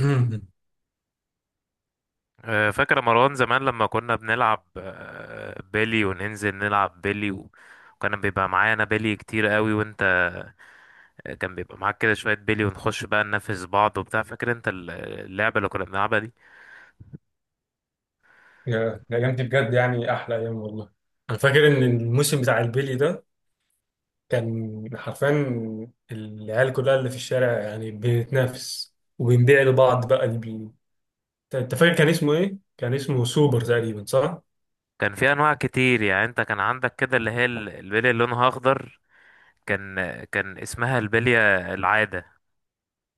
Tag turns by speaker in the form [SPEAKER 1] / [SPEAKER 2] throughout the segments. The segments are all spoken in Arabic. [SPEAKER 1] مم.
[SPEAKER 2] فاكر يا مروان زمان لما كنا بنلعب بيلي وننزل نلعب بيلي و... وكان بيبقى معايا انا بيلي كتير قوي وانت كان بيبقى معاك كده شوية بيلي ونخش بقى ننافس بعض وبتاع فاكر انت اللعبة اللي كنا بنلعبها دي
[SPEAKER 1] الأيام دي بجد يعني أحلى أيام والله. أنا فاكر إن الموسم بتاع البيلي ده كان حرفيا العيال كلها اللي في الشارع يعني بنتنافس وبنبيع لبعض بقى أنت فاكر كان اسمه إيه؟ كان اسمه سوبر تقريبا صح؟
[SPEAKER 2] كان في انواع كتير يعني انت كان عندك كده اللي هي البيلي اللي لونها اخضر كان اسمها البلية العادة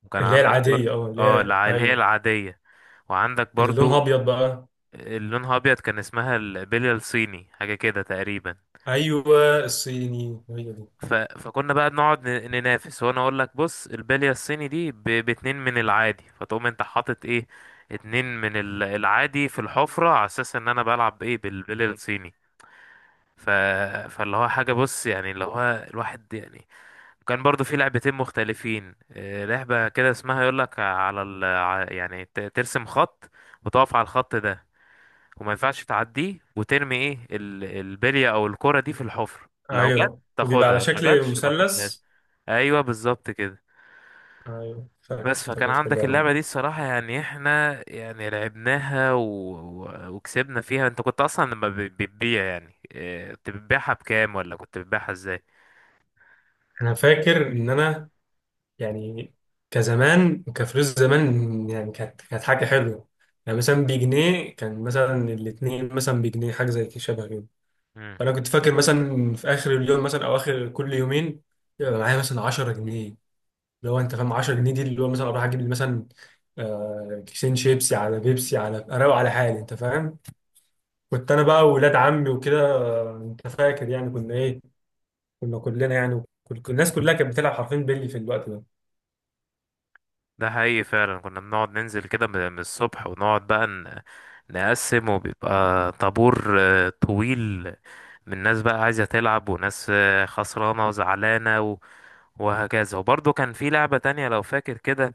[SPEAKER 2] وكان
[SPEAKER 1] اللي هي
[SPEAKER 2] عندك برضه
[SPEAKER 1] العادية، أه اللي
[SPEAKER 2] اه
[SPEAKER 1] هي،
[SPEAKER 2] اللي هي
[SPEAKER 1] أيوه
[SPEAKER 2] العادية وعندك
[SPEAKER 1] اللي لونها
[SPEAKER 2] برضو
[SPEAKER 1] أبيض بقى،
[SPEAKER 2] اللي لونها ابيض كان اسمها البلية الصيني حاجة كده تقريبا
[SPEAKER 1] أيوه الصيني هي دي.
[SPEAKER 2] ف... فكنا بقى بنقعد ننافس وانا اقول لك بص البالية الصيني دي باتنين من العادي فتقوم انت حاطط ايه اتنين من العادي في الحفرة على اساس ان انا بلعب ايه بالبالية الصيني ف... فاللي هو حاجة بص يعني اللي هو الواحد يعني كان برضو في لعبتين مختلفين، لعبة كده اسمها يقول لك على يعني ترسم خط وتقف على الخط ده وما ينفعش تعديه وترمي ايه البلية او الكرة دي في الحفرة لو جت
[SPEAKER 1] أيوه وبيبقى
[SPEAKER 2] تاخدها
[SPEAKER 1] على
[SPEAKER 2] ما
[SPEAKER 1] شكل
[SPEAKER 2] جاتش ما
[SPEAKER 1] مثلث.
[SPEAKER 2] خدتهاش. ايوه بالظبط كده.
[SPEAKER 1] أيوه فاكر،
[SPEAKER 2] بس فكان
[SPEAKER 1] افتكرت
[SPEAKER 2] عندك
[SPEAKER 1] اللعبة دي.
[SPEAKER 2] اللعبه دي الصراحه يعني احنا يعني لعبناها و... و... وكسبنا فيها انت كنت اصلا لما بتبيع يعني إيه، كنت بتبيعها بكام ولا كنت بتبيعها ازاي؟
[SPEAKER 1] أنا فاكر إن أنا يعني كزمان، كفلوس زمان، يعني كانت حاجة حلوة. يعني مثلا بجنيه، كان مثلا الاتنين مثلا بجنيه، حاجة زي كده شبه كده.
[SPEAKER 2] مم.
[SPEAKER 1] فأنا كنت فاكر مثلا في آخر اليوم مثلا أو آخر كل يومين يبقى معايا مثلا 10 جنيه، اللي هو أنت فاهم 10 جنيه دي اللي هو مثلا أروح أجيب لي مثلا كيسين شيبسي على بيبسي، على أروق على حالي، أنت فاهم. كنت أنا بقى وولاد عمي وكده، أنت فاكر يعني كنا إيه، كنا كلنا يعني الناس كلها كانت بتلعب حرفيا بيلي في الوقت ده.
[SPEAKER 2] ده حقيقي فعلا كنا بنقعد ننزل كده من الصبح ونقعد بقى نقسم وبيبقى طابور طويل من ناس بقى عايزه تلعب وناس خسرانه وزعلانه و... وهكذا. وبرضه كان في لعبه تانية لو فاكر كده،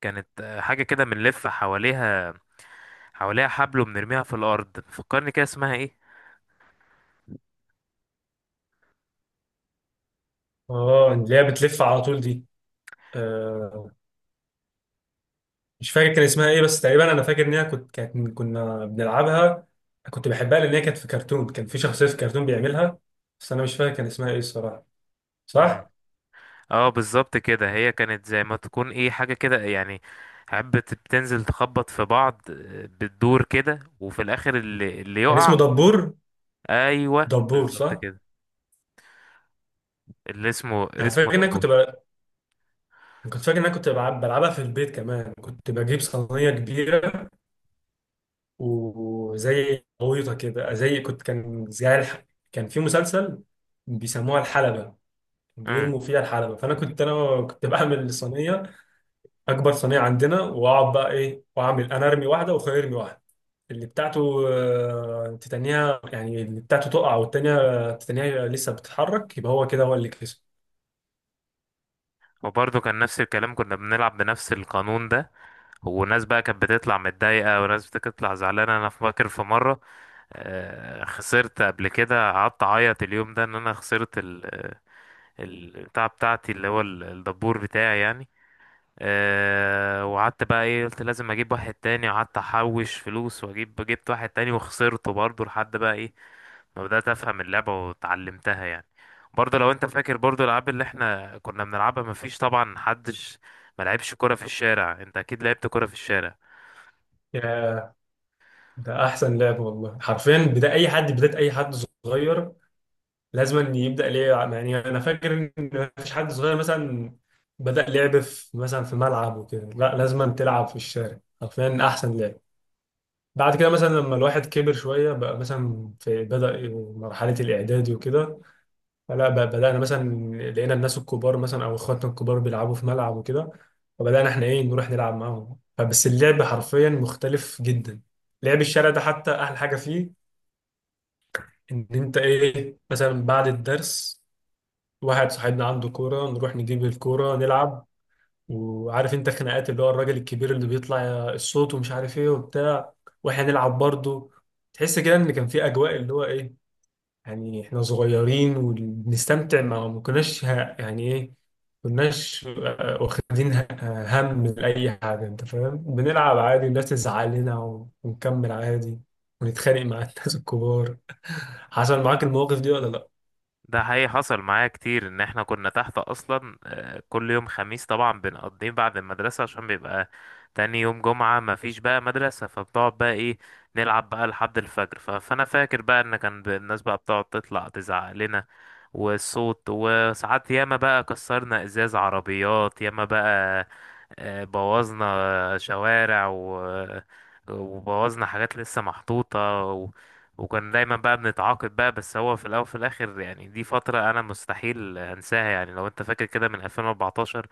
[SPEAKER 2] كانت حاجه كده بنلف حواليها حواليها حبل وبنرميها في الارض، فكرني كده اسمها ايه؟
[SPEAKER 1] اه اللي هي بتلف على طول دي، آه، مش فاكر كان اسمها ايه، بس تقريبا انا فاكر ان هي كانت كنا بنلعبها. كنت بحبها لان هي كانت في كرتون، كان في شخصيه في كرتون بيعملها. بس انا مش فاكر كان اسمها ايه الصراحه.
[SPEAKER 2] امم
[SPEAKER 1] صح،
[SPEAKER 2] اه بالظبط كده، هي كانت زي ما تكون ايه حاجه كده يعني حبة بتنزل تخبط في بعض، بتدور كده وفي الاخر اللي
[SPEAKER 1] كان اسمه
[SPEAKER 2] يقع.
[SPEAKER 1] دبور.
[SPEAKER 2] ايوه
[SPEAKER 1] دبور
[SPEAKER 2] بالظبط
[SPEAKER 1] صح.
[SPEAKER 2] كده، اللي اسمه
[SPEAKER 1] انا
[SPEAKER 2] اسمه
[SPEAKER 1] فاكر ان انا كنت
[SPEAKER 2] دبور.
[SPEAKER 1] بل... كنت فاكر ان انا بلعبها في البيت كمان. كنت بجيب صينيه كبيره، وزي غويطه كده، زي كنت كان زي الح... كان في مسلسل بيسموها الحلبه،
[SPEAKER 2] امم
[SPEAKER 1] بيرموا فيها الحلبه. فانا كنت انا كنت بعمل صينيه، اكبر صينيه عندنا، واقعد بقى ايه واعمل، انا ارمي واحده واخويا يرمي واحده. اللي بتاعته تتنيها، يعني اللي بتاعته تقع والتانية تتنيها لسه بتتحرك، يبقى هو كده هو اللي كسب.
[SPEAKER 2] وبرضه كان نفس الكلام، كنا بنلعب بنفس القانون ده وناس بقى كانت بتطلع متضايقة وناس بتطلع زعلانة. أنا فاكر في مرة خسرت قبل كده قعدت أعيط اليوم ده إن أنا خسرت البتاع بتاعتي اللي هو الدبور بتاعي يعني، أه وقعدت بقى ايه قلت لازم اجيب واحد تاني وقعدت احوش فلوس واجيب جبت واحد تاني وخسرته برضه لحد بقى ايه ما بدأت افهم اللعبة واتعلمتها يعني. برضه لو انت فاكر برضه الالعاب اللي احنا كنا بنلعبها مفيش طبعا محدش ما لعبش كرة في الشارع، انت اكيد لعبت كرة في الشارع.
[SPEAKER 1] يا ده احسن لعب والله، حرفيا بدأ اي حد، بداية اي حد صغير لازم أن يبدأ ليه. يعني انا فاكر ان مفيش حد صغير مثلا بدأ لعب في مثلا في ملعب وكده، لا لازم أن تلعب في الشارع، حرفيا احسن لعب. بعد كده مثلا لما الواحد كبر شوية بقى، مثلا في بدأ مرحلة الإعدادي وكده، فلا بدأنا مثلا، لقينا الناس الكبار مثلا أو إخواتنا الكبار بيلعبوا في ملعب وكده، فبدأنا إحنا إيه، نروح نلعب معاهم. فبس اللعب حرفيا مختلف جدا، لعب الشارع ده حتى أحلى حاجة فيه، إن أنت إيه مثلا بعد الدرس، واحد صاحبنا عنده كورة، نروح نجيب الكورة نلعب. وعارف أنت خناقات اللي هو الراجل الكبير اللي بيطلع الصوت ومش عارف إيه وبتاع، وإحنا نلعب برضه. تحس كده إن كان في أجواء اللي هو إيه، يعني احنا صغيرين وبنستمتع، ما يعني ايه، كناش واخدين هم لأي حاجة انت فاهم، بنلعب عادي، الناس تزعل لنا ونكمل عادي، ونتخانق مع الناس الكبار. حصل معاك المواقف دي ولا لا؟
[SPEAKER 2] ده حقيقي حصل معايا كتير، ان احنا كنا تحت اصلا، كل يوم خميس طبعا بنقضيه بعد المدرسة عشان بيبقى تاني يوم جمعة مفيش بقى مدرسة، فبتقعد بقى ايه نلعب بقى لحد الفجر. ف- فانا فاكر بقى ان كان الناس بقى بتقعد تطلع تزعق لنا والصوت، وساعات ياما بقى كسرنا ازاز عربيات، ياما بقى بوظنا شوارع و وبوظنا حاجات لسه محطوطة، وكان دايما بقى بنتعاقد بقى بس. هو في الاول وفي الاخر يعني دي فتره انا مستحيل انساها يعني، لو انت فاكر كده من 2014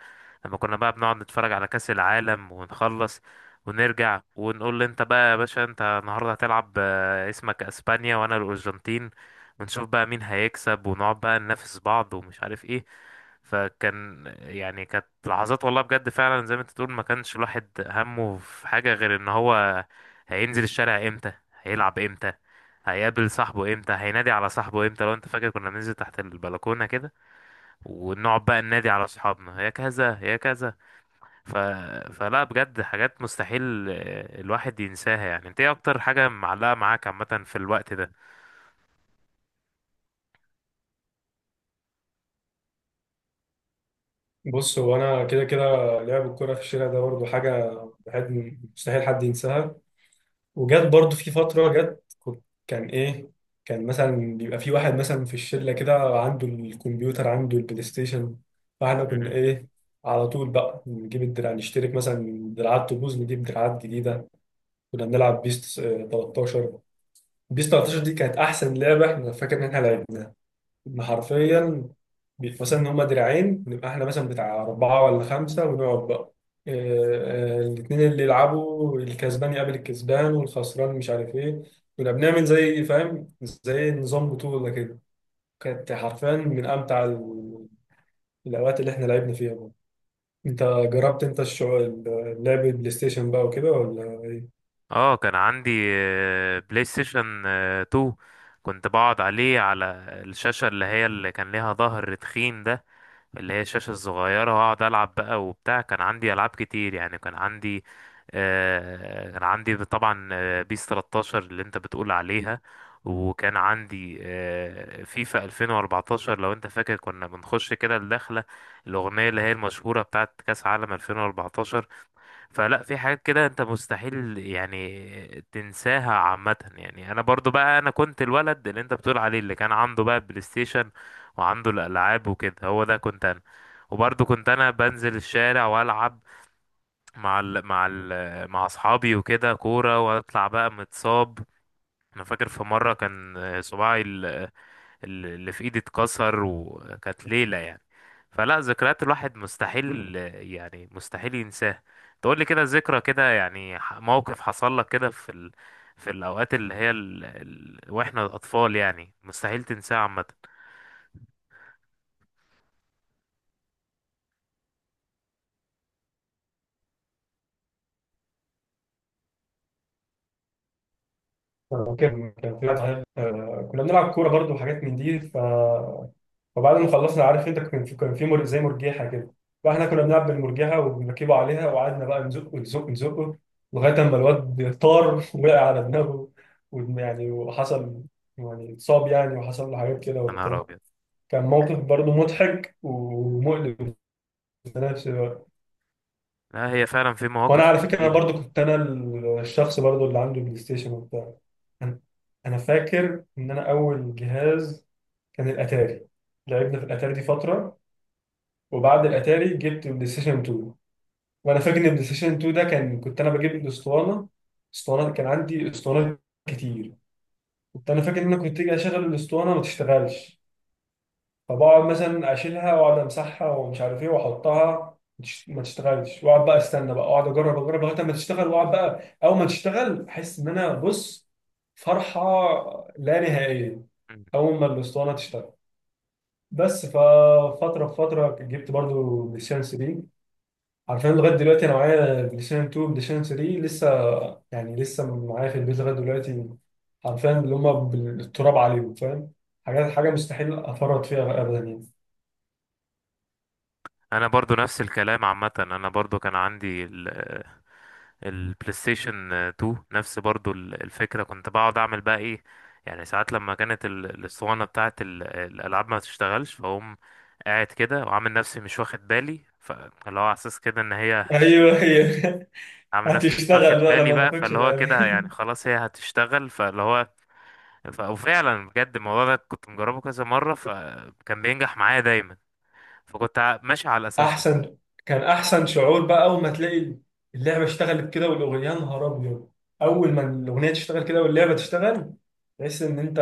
[SPEAKER 2] لما كنا بقى بنقعد نتفرج على كاس العالم ونخلص ونرجع ونقول له انت بقى يا باشا انت النهارده هتلعب، اسمك اسبانيا وانا الارجنتين، ونشوف بقى مين هيكسب ونقعد بقى ننافس بعض ومش عارف ايه. فكان يعني كانت لحظات والله بجد فعلا زي ما انت تقول، ما كانش الواحد همه في حاجة غير ان هو هينزل الشارع امتى، هيلعب امتى، هيقابل صاحبه امتى، هينادي على صاحبه امتى. لو انت فاكر كنا بننزل تحت البلكونة كده ونقعد بقى ننادي على صحابنا يا كذا يا كذا. ف... فلا بجد حاجات مستحيل الواحد ينساها. يعني انت ايه اكتر حاجة معلقة معاك عامة في الوقت ده؟
[SPEAKER 1] بص هو انا كده كده لعب الكرة في الشارع ده برضو حاجة بحد، مستحيل حد ينساها. وجت برضو في فترة جت، كان إيه، كان مثلا بيبقى في واحد مثلا في الشلة كده عنده الكمبيوتر، عنده البلاي ستيشن، فاحنا كنا
[SPEAKER 2] مم.
[SPEAKER 1] إيه، على طول بقى نجيب الدراع نشترك، مثلا دراعات تبوظ نجيب دراعات جديدة. كنا بنلعب بيس 13. بيس 13 دي كانت أحسن لعبة، إحنا فاكر إن إحنا لعبناها. إن حرفيا بيبقى مثلا ان هما دراعين نبقى احنا مثلا بتاع اربعه ولا خمسه، ونقعد بقى الاثنين اللي يلعبوا، الكسبان يقابل الكسبان والخسران مش عارف ايه. كنا بنعمل زي فاهم، زي نظام بطوله كده. كانت حرفيا من امتع الاوقات اللي احنا لعبنا فيها بقى. انت جربت انت الشغل، لعب بلاي ستيشن بقى وكده ولا ايه؟
[SPEAKER 2] اه كان عندي، بلاي ستيشن 2، كنت بقعد عليه على الشاشة اللي هي اللي كان ليها ظهر تخين ده، اللي هي الشاشة الصغيرة، وأقعد ألعب بقى وبتاع. كان عندي ألعاب كتير يعني، كان عندي آه كان عندي طبعا، بيس 13 اللي أنت بتقول عليها، وكان عندي آه فيفا 2014 لو أنت فاكر كنا بنخش كده الدخلة الأغنية اللي هي المشهورة بتاعت كأس عالم 2014. فلا في حاجات كده انت مستحيل يعني تنساها عامة. يعني انا برضو بقى انا كنت الولد اللي انت بتقول عليه اللي كان عنده بقى بلاي ستيشن وعنده الالعاب وكده، هو ده كنت انا. وبرضو كنت انا بنزل الشارع والعب مع اصحابي وكده كورة واطلع بقى متصاب. انا فاكر في مرة كان صباعي اللي في ايدي اتكسر وكانت ليلة يعني، فلا ذكريات الواحد مستحيل يعني مستحيل ينساها. تقول لي كده ذكرى كده يعني موقف حصل لك كده في في الأوقات اللي هي واحنا أطفال يعني مستحيل تنساها عامة؟
[SPEAKER 1] كان في واحد صاحبي، كنا بنلعب كوره برضو وحاجات من دي. ف وبعد ما خلصنا عارف انت، كان في زي مرجيحه كده، فاحنا كنا بنلعب بالمرجيحه وبنركبه عليها، وقعدنا بقى نزق نزق نزقه لغايه اما الواد طار وقع على دماغه، يعني وحصل يعني، اتصاب يعني وحصل له حاجات كده
[SPEAKER 2] يا نهار
[SPEAKER 1] وبتاع.
[SPEAKER 2] أبيض.
[SPEAKER 1] كان موقف برضه مضحك ومؤلم في نفس الوقت.
[SPEAKER 2] لا هي فعلا في
[SPEAKER 1] وانا
[SPEAKER 2] مواقف
[SPEAKER 1] على فكره انا
[SPEAKER 2] كتيرة.
[SPEAKER 1] برضه كنت انا الشخص برضه اللي عنده بلاي ستيشن وبتاع انا. أنا فاكر ان انا اول جهاز كان الاتاري، لعبنا في الاتاري دي فتره. وبعد الاتاري جبت بلاي ستيشن 2. وانا فاكر ان بلاي ستيشن 2 ده، كان كنت انا بجيب الاسطوانه، اسطوانات، كان عندي اسطوانات كتير. كنت انا فاكر ان انا كنت اجي اشغل الاسطوانه ما تشتغلش، فبقعد مثلا اشيلها واقعد امسحها ومش عارف ايه واحطها، ما تشتغلش، واقعد بقى استنى بقى اقعد اجرب اجرب لغايه ما تشتغل. واقعد بقى اول ما تشتغل احس ان انا بص، فرحه لا نهائيه
[SPEAKER 2] أمم.
[SPEAKER 1] اول ما الاسطوانه تشتغل. بس ففتره بفتره، فتره جبت برضو بلاي ستيشن 3. عارفين لغايه دلوقتي انا معايا بلاي ستيشن 2 بلاي ستيشن 3 لسه، يعني لسه معايا في البيت لغايه دلوقتي، عارفين اللي هم بالتراب عليهم فاهم، حاجات حاجه مستحيل افرط فيها ابدا يعني.
[SPEAKER 2] أنا برضو نفس الكلام عامة، أنا برضو كان عندي البلاي ستيشن 2 نفس برضو الفكرة، كنت بقعد اعمل بقى ايه يعني ساعات لما كانت الاسطوانة بتاعت الالعاب ما تشتغلش، فاقوم قاعد كده وعامل نفسي مش واخد بالي فاللي هو على اساس كده ان هي
[SPEAKER 1] ايوه هي
[SPEAKER 2] عامل نفسي مش واخد
[SPEAKER 1] هتشتغل بقى
[SPEAKER 2] بالي
[SPEAKER 1] لما ما
[SPEAKER 2] بقى
[SPEAKER 1] اخدش
[SPEAKER 2] فاللي هو كده
[SPEAKER 1] بالي.
[SPEAKER 2] يعني خلاص هي هتشتغل فاللي هو وفعلا بجد الموضوع ده كنت مجربه كذا مرة فكان بينجح معايا دايما، فكنت ماشي على الاساس ده.
[SPEAKER 1] احسن، كان احسن شعور بقى اول ما تلاقي اللعبه اشتغلت كده والاغنيه، يا نهار ابيض، اول ما الاغنيه تشتغل كده واللعبه تشتغل تحس ان انت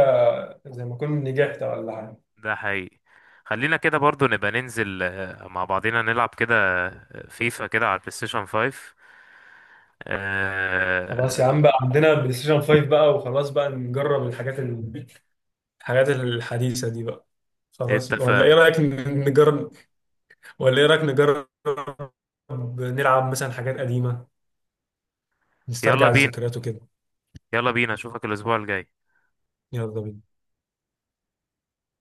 [SPEAKER 1] زي ما كنت نجحت ولا حاجه.
[SPEAKER 2] ده حقيقي. خلينا كده برضو نبقى ننزل مع بعضينا نلعب كده فيفا كده على البلاي ستيشن 5،
[SPEAKER 1] خلاص يا
[SPEAKER 2] آه،
[SPEAKER 1] عم بقى، عندنا بلاي ستيشن 5 بقى، وخلاص بقى نجرب الحاجات الحاجات الحديثة دي بقى. خلاص ولا ايه
[SPEAKER 2] اتفقنا.
[SPEAKER 1] رأيك نجرب، ولا ايه رأيك نجرب نلعب مثلا حاجات قديمة،
[SPEAKER 2] يلا
[SPEAKER 1] نسترجع
[SPEAKER 2] بينا،
[SPEAKER 1] الذكريات وكده.
[SPEAKER 2] يلا بينا اشوفك الاسبوع الجاي.
[SPEAKER 1] يلا بينا